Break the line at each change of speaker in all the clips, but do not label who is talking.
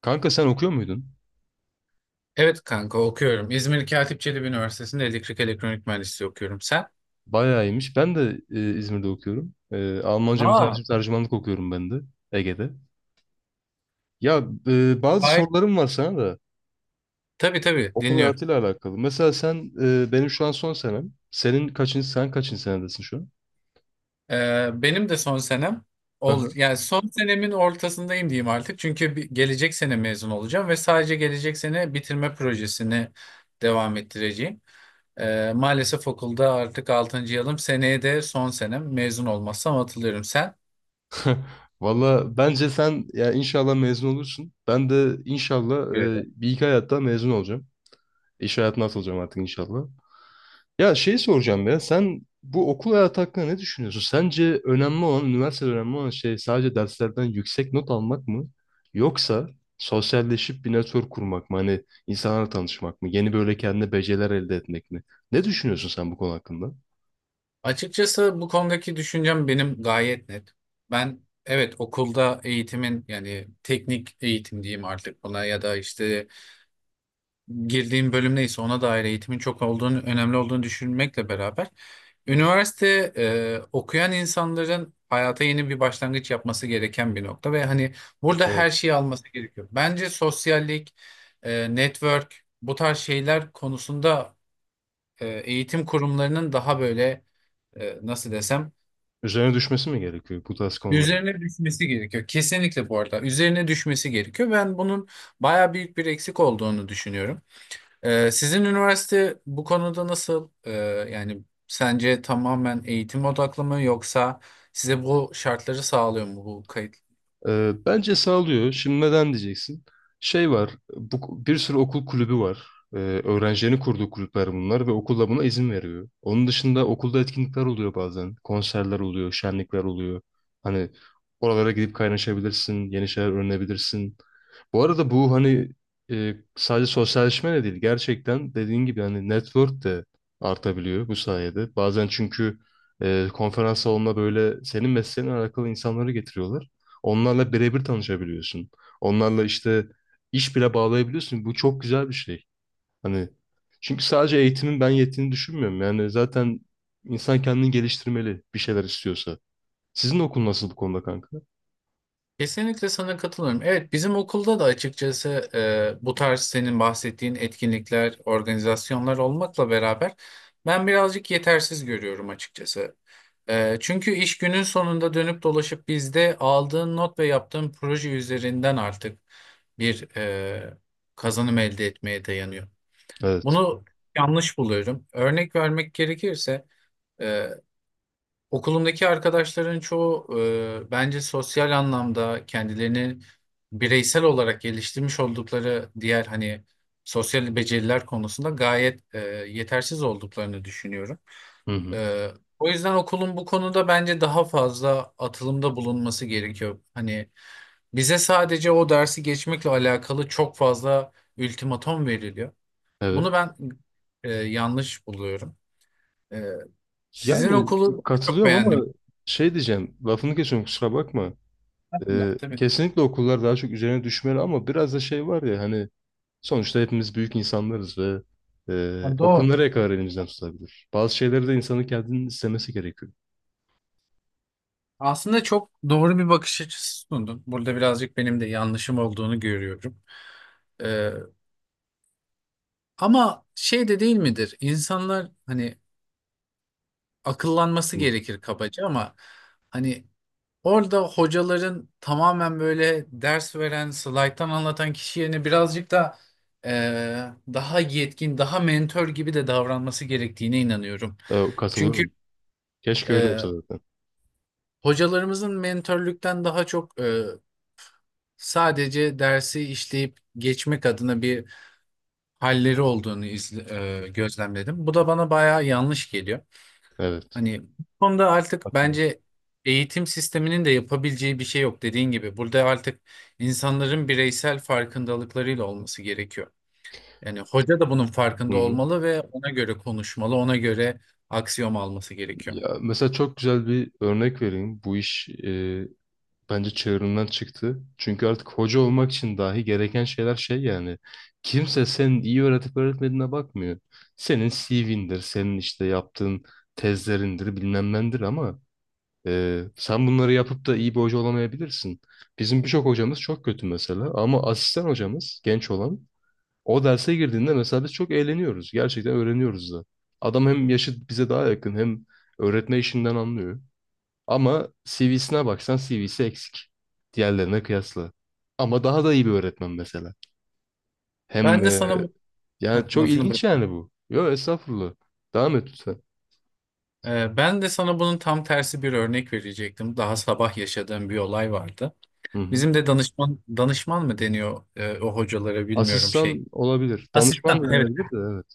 Kanka sen okuyor muydun?
Evet, kanka, okuyorum. İzmir Katip Çelebi Üniversitesi'nde elektrik elektronik mühendisliği okuyorum. Sen?
Bayağı iyiymiş. Ben de İzmir'de okuyorum. Almanca
Aa.
mütercim tercümanlık okuyorum ben de Ege'de. Ya bazı
Hayır.
sorularım var sana da
Tabii, tabii,
okul
dinliyorum.
hayatıyla alakalı. Mesela sen benim şu an son senem. Sen kaçıncı senedesin şu an?
Benim de son senem
Aha.
yani son senemin ortasındayım diyeyim artık. Çünkü gelecek sene mezun olacağım ve sadece gelecek sene bitirme projesini devam ettireceğim. Maalesef okulda artık altıncı yılım. Seneye de son senem mezun olmazsam atılıyorum. Sen?
Valla bence sen ya inşallah mezun olursun. Ben de inşallah bir iki hayatta mezun olacağım. İş hayatına atılacağım artık inşallah. Ya şey soracağım ya sen bu okul hayatı hakkında ne düşünüyorsun? Sence önemli olan, üniversitede önemli olan şey sadece derslerden yüksek not almak mı? Yoksa sosyalleşip bir network kurmak mı? Hani insanlarla tanışmak mı? Yeni böyle kendine beceriler elde etmek mi? Ne düşünüyorsun sen bu konu hakkında?
Açıkçası bu konudaki düşüncem benim gayet net. Ben evet okulda eğitimin, yani teknik eğitim diyeyim artık buna, ya da işte girdiğim bölüm neyse ona dair eğitimin çok olduğunu, önemli olduğunu düşünmekle beraber üniversite okuyan insanların hayata yeni bir başlangıç yapması gereken bir nokta ve hani burada her
Evet.
şeyi alması gerekiyor. Bence sosyallik, network, bu tarz şeyler konusunda eğitim kurumlarının daha böyle, nasıl desem.
Üzerine düşmesi mi gerekiyor bu tarz konular?
Üzerine düşmesi gerekiyor. Kesinlikle bu arada. Üzerine düşmesi gerekiyor. Ben bunun baya büyük bir eksik olduğunu düşünüyorum. Sizin üniversite bu konuda nasıl? Yani sence tamamen eğitim odaklı mı, yoksa size bu şartları sağlıyor mu bu kayıt?
Bence sağlıyor. Şimdi neden diyeceksin? Şey var, bu, bir sürü okul kulübü var. Ee, öğrencilerin kurduğu kulüpler bunlar ve okul da buna izin veriyor. Onun dışında okulda etkinlikler oluyor bazen. Konserler oluyor, şenlikler oluyor. Hani oralara gidip kaynaşabilirsin, yeni şeyler öğrenebilirsin. Bu arada bu hani sadece sosyalleşme de değil. Gerçekten dediğin gibi hani network de artabiliyor bu sayede. Bazen çünkü konferans salonuna böyle senin mesleğinle alakalı insanları getiriyorlar. Onlarla birebir tanışabiliyorsun. Onlarla işte iş bile bağlayabiliyorsun. Bu çok güzel bir şey. Hani çünkü sadece eğitimin ben yettiğini düşünmüyorum. Yani zaten insan kendini geliştirmeli bir şeyler istiyorsa. Sizin okul nasıl bu konuda kanka?
Kesinlikle sana katılıyorum. Evet, bizim okulda da açıkçası bu tarz senin bahsettiğin etkinlikler, organizasyonlar olmakla beraber, ben birazcık yetersiz görüyorum açıkçası. E, çünkü iş günün sonunda dönüp dolaşıp bizde aldığın not ve yaptığın proje üzerinden artık bir kazanım elde etmeye dayanıyor.
Evet.
Bunu yanlış buluyorum. Örnek vermek gerekirse, e, okulumdaki arkadaşların çoğu, bence sosyal anlamda kendilerini bireysel olarak geliştirmiş oldukları diğer, hani sosyal beceriler konusunda gayet yetersiz olduklarını düşünüyorum.
Hı hı.
E, O yüzden okulun bu konuda bence daha fazla atılımda bulunması gerekiyor. Hani bize sadece o dersi geçmekle alakalı çok fazla ultimatom veriliyor. Bunu
Evet.
ben yanlış buluyorum. E, Sizin
Yani
okulu çok
katılıyorum ama
beğendim.
şey diyeceğim. Lafını kesiyorum kusura bakma.
Allah tabii.
Kesinlikle okullar daha çok üzerine düşmeli ama biraz da şey var ya hani sonuçta hepimiz büyük insanlarız ve
Ha,
okul
doğru.
nereye kadar elimizden tutabilir? Bazı şeyleri de insanın kendinin istemesi gerekiyor.
Aslında çok doğru bir bakış açısı sundun. Burada birazcık benim de yanlışım olduğunu görüyorum. Ee, Ama şey de değil midir? İnsanlar, hani akıllanması
Hı.
gerekir kabaca, ama hani orada hocaların tamamen böyle ders veren, slayttan anlatan kişi yerine birazcık da e, daha yetkin, daha mentor gibi de davranması gerektiğine inanıyorum.
E,
Çünkü
katılıyorum. Keşke öyle
e,
olsa zaten.
hocalarımızın mentorluktan daha çok sadece dersi işleyip geçmek adına bir halleri olduğunu gözlemledim. Bu da bana bayağı yanlış geliyor.
Evet.
Hani bu konuda artık
Katılıyorum.
bence eğitim sisteminin de yapabileceği bir şey yok, dediğin gibi. Burada artık insanların bireysel farkındalıklarıyla olması gerekiyor. Yani hoca da bunun
Hı
farkında
hı.
olmalı ve ona göre konuşmalı, ona göre aksiyon alması gerekiyor.
Ya, mesela çok güzel bir örnek vereyim. Bu iş bence çığırından çıktı. Çünkü artık hoca olmak için dahi gereken şeyler şey yani. Kimse senin iyi öğretip öğretmediğine bakmıyor. Senin CV'ndir, senin işte yaptığın tezlerindir, bilmem nendir ama sen bunları yapıp da iyi bir hoca olamayabilirsin. Bizim birçok hocamız çok kötü mesela ama asistan hocamız genç olan o derse girdiğinde mesela biz çok eğleniyoruz. Gerçekten öğreniyoruz da. Adam hem yaşı bize daha yakın hem öğretme işinden anlıyor. Ama CV'sine baksan CV'si eksik. Diğerlerine kıyasla. Ama daha da iyi bir öğretmen mesela.
Ben
Hem
de
e,
sana bu... Heh,
yani çok
lafını bırak.
ilginç yani bu. Yo estağfurullah. Devam et lütfen.
Ben de sana bunun tam tersi bir örnek verecektim. Daha sabah yaşadığım bir olay vardı.
Hı hı.
Bizim de danışman danışman mı deniyor o hocalara, bilmiyorum şey.
Asistan olabilir. Danışman da
Asistan. Evet.
denebilir de evet.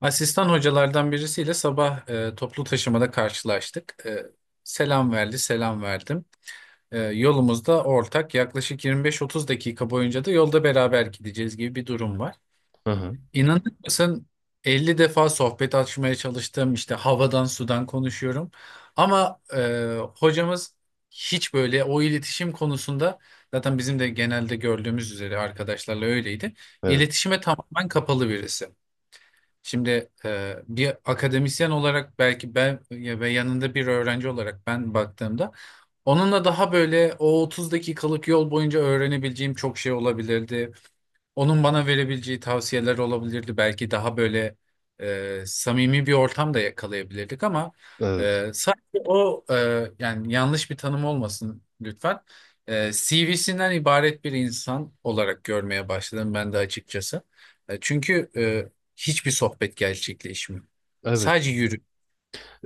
Asistan hocalardan birisiyle sabah toplu taşımada karşılaştık. Selam verdi, selam verdim. Yolumuzda ortak yaklaşık 25-30 dakika boyunca da yolda beraber gideceğiz gibi bir durum var.
Hı hı.
İnanır mısın, 50 defa sohbet açmaya çalıştım, işte havadan sudan konuşuyorum ama hocamız hiç böyle o iletişim konusunda, zaten bizim de genelde gördüğümüz üzere arkadaşlarla öyleydi.
Evet.
İletişime tamamen kapalı birisi. Şimdi bir akademisyen olarak belki ve yanında bir öğrenci olarak ben baktığımda, onunla daha böyle o 30 dakikalık yol boyunca öğrenebileceğim çok şey olabilirdi. Onun bana verebileceği tavsiyeler olabilirdi. Belki daha böyle samimi bir ortam da yakalayabilirdik, ama
Evet.
sadece yani yanlış bir tanım olmasın lütfen. CV'sinden ibaret bir insan olarak görmeye başladım ben de açıkçası. Çünkü hiçbir sohbet gerçekleşmiyor.
Evet.
Sadece yürü.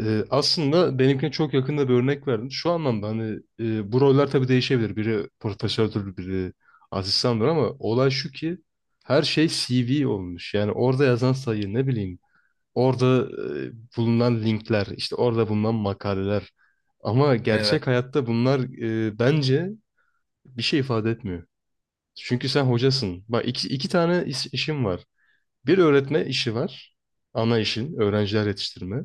Aslında benimkine çok yakında bir örnek verdim. Şu anlamda hani bu roller tabii değişebilir. Biri profesördür, biri asistandır ama olay şu ki her şey CV olmuş. Yani orada yazan sayı ne bileyim. Orada bulunan linkler, işte orada bulunan makaleler. Ama
Evet,
gerçek hayatta bunlar bence bir şey ifade etmiyor. Çünkü sen hocasın. Bak iki tane işim var. Bir öğretme işi var. Ana işin, öğrenciler yetiştirme.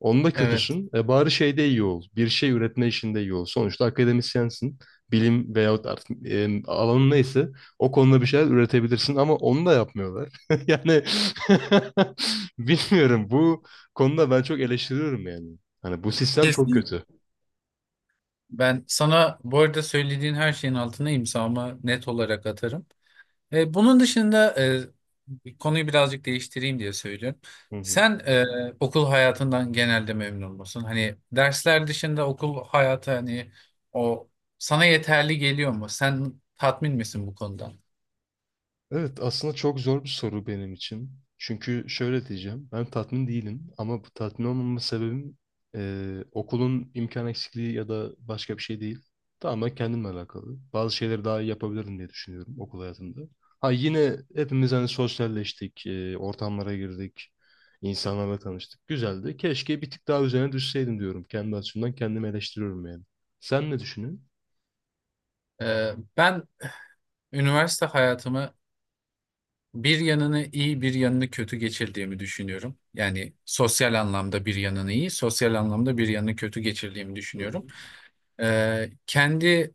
Onda
evet.
kötüsün. E bari şeyde iyi ol. Bir şey üretme işinde iyi ol. Sonuçta akademisyensin. Bilim veyahut artık alanın neyse o konuda bir şeyler üretebilirsin ama onu da yapmıyorlar. Yani bilmiyorum bu konuda ben çok eleştiriyorum yani. Hani bu sistem çok
Kesin.
kötü.
Ben sana bu arada söylediğin her şeyin altına imzamı net olarak atarım. Bunun dışında, konuyu birazcık değiştireyim diye söylüyorum.
Hı hı.
Sen okul hayatından genelde memnun musun? Hani dersler dışında okul hayatı, hani o sana yeterli geliyor mu? Sen tatmin misin bu konudan?
Evet, aslında çok zor bir soru benim için. Çünkü şöyle diyeceğim, ben tatmin değilim ama bu tatmin olmama sebebim okulun imkan eksikliği ya da başka bir şey değil. Tamamen kendimle alakalı. Bazı şeyleri daha iyi yapabilirim diye düşünüyorum okul hayatında. Ha yine hepimiz hani sosyalleştik, ortamlara girdik, insanlarla tanıştık. Güzeldi. Keşke bir tık daha üzerine düşseydim diyorum. Kendi açımdan kendimi eleştiriyorum yani. Sen ne düşünüyorsun?
E, Ben üniversite hayatımı bir yanını iyi, bir yanını kötü geçirdiğimi düşünüyorum. Yani sosyal anlamda bir yanını iyi, sosyal anlamda bir yanını kötü geçirdiğimi
Hı hı.
düşünüyorum. Kendi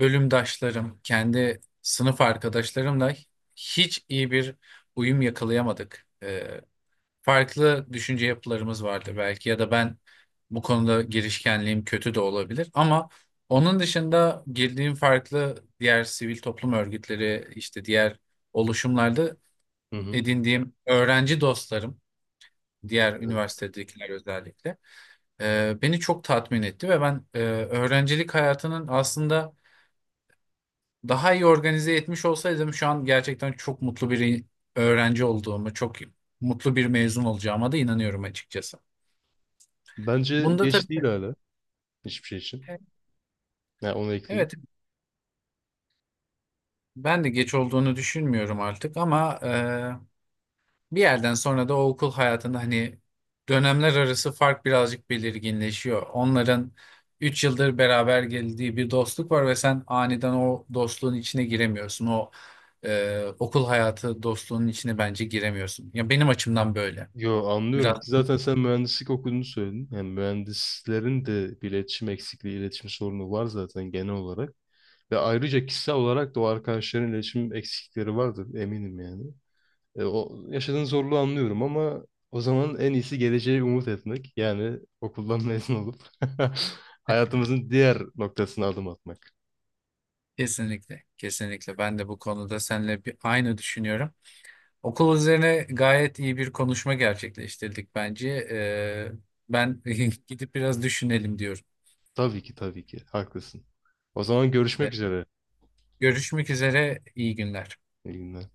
bölümdaşlarım, kendi sınıf arkadaşlarımla hiç iyi bir uyum yakalayamadık. Farklı düşünce yapılarımız vardı belki, ya da ben bu konuda girişkenliğim kötü de olabilir, ama onun dışında girdiğim farklı diğer sivil toplum örgütleri, işte diğer oluşumlarda
Hı hı.
edindiğim öğrenci dostlarım, diğer
Evet.
üniversitedekiler özellikle beni çok tatmin etti ve ben öğrencilik hayatının aslında daha iyi organize etmiş olsaydım, şu an gerçekten çok mutlu bir öğrenci olduğumu, çok mutlu bir mezun olacağıma da inanıyorum açıkçası.
Bence
Bunda
geç
tabii
değil hala hiçbir şey için. Ya onu ekleyeyim.
evet, ben de geç olduğunu düşünmüyorum artık, ama bir yerden sonra da o okul hayatında hani dönemler arası fark birazcık belirginleşiyor. Onların 3 yıldır beraber geldiği bir dostluk var ve sen aniden o dostluğun içine giremiyorsun. O okul hayatı dostluğunun içine bence giremiyorsun. Ya, benim açımdan böyle.
Yo
Biraz.
anlıyorum. Zaten sen mühendislik okuduğunu söyledin. Yani mühendislerin de bir iletişim eksikliği, iletişim sorunu var zaten genel olarak. Ve ayrıca kişisel olarak da o arkadaşların iletişim eksiklikleri vardır eminim yani. O yaşadığın zorluğu anlıyorum ama o zaman en iyisi geleceğe umut etmek. Yani okuldan mezun olup hayatımızın diğer noktasına adım atmak.
Kesinlikle, kesinlikle. Ben de bu konuda seninle bir aynı düşünüyorum. Okul üzerine gayet iyi bir konuşma gerçekleştirdik bence. Ben gidip biraz düşünelim diyorum.
Tabii ki tabii ki haklısın. O zaman
Ee,
görüşmek üzere.
Görüşmek üzere, iyi günler.
İyi günler.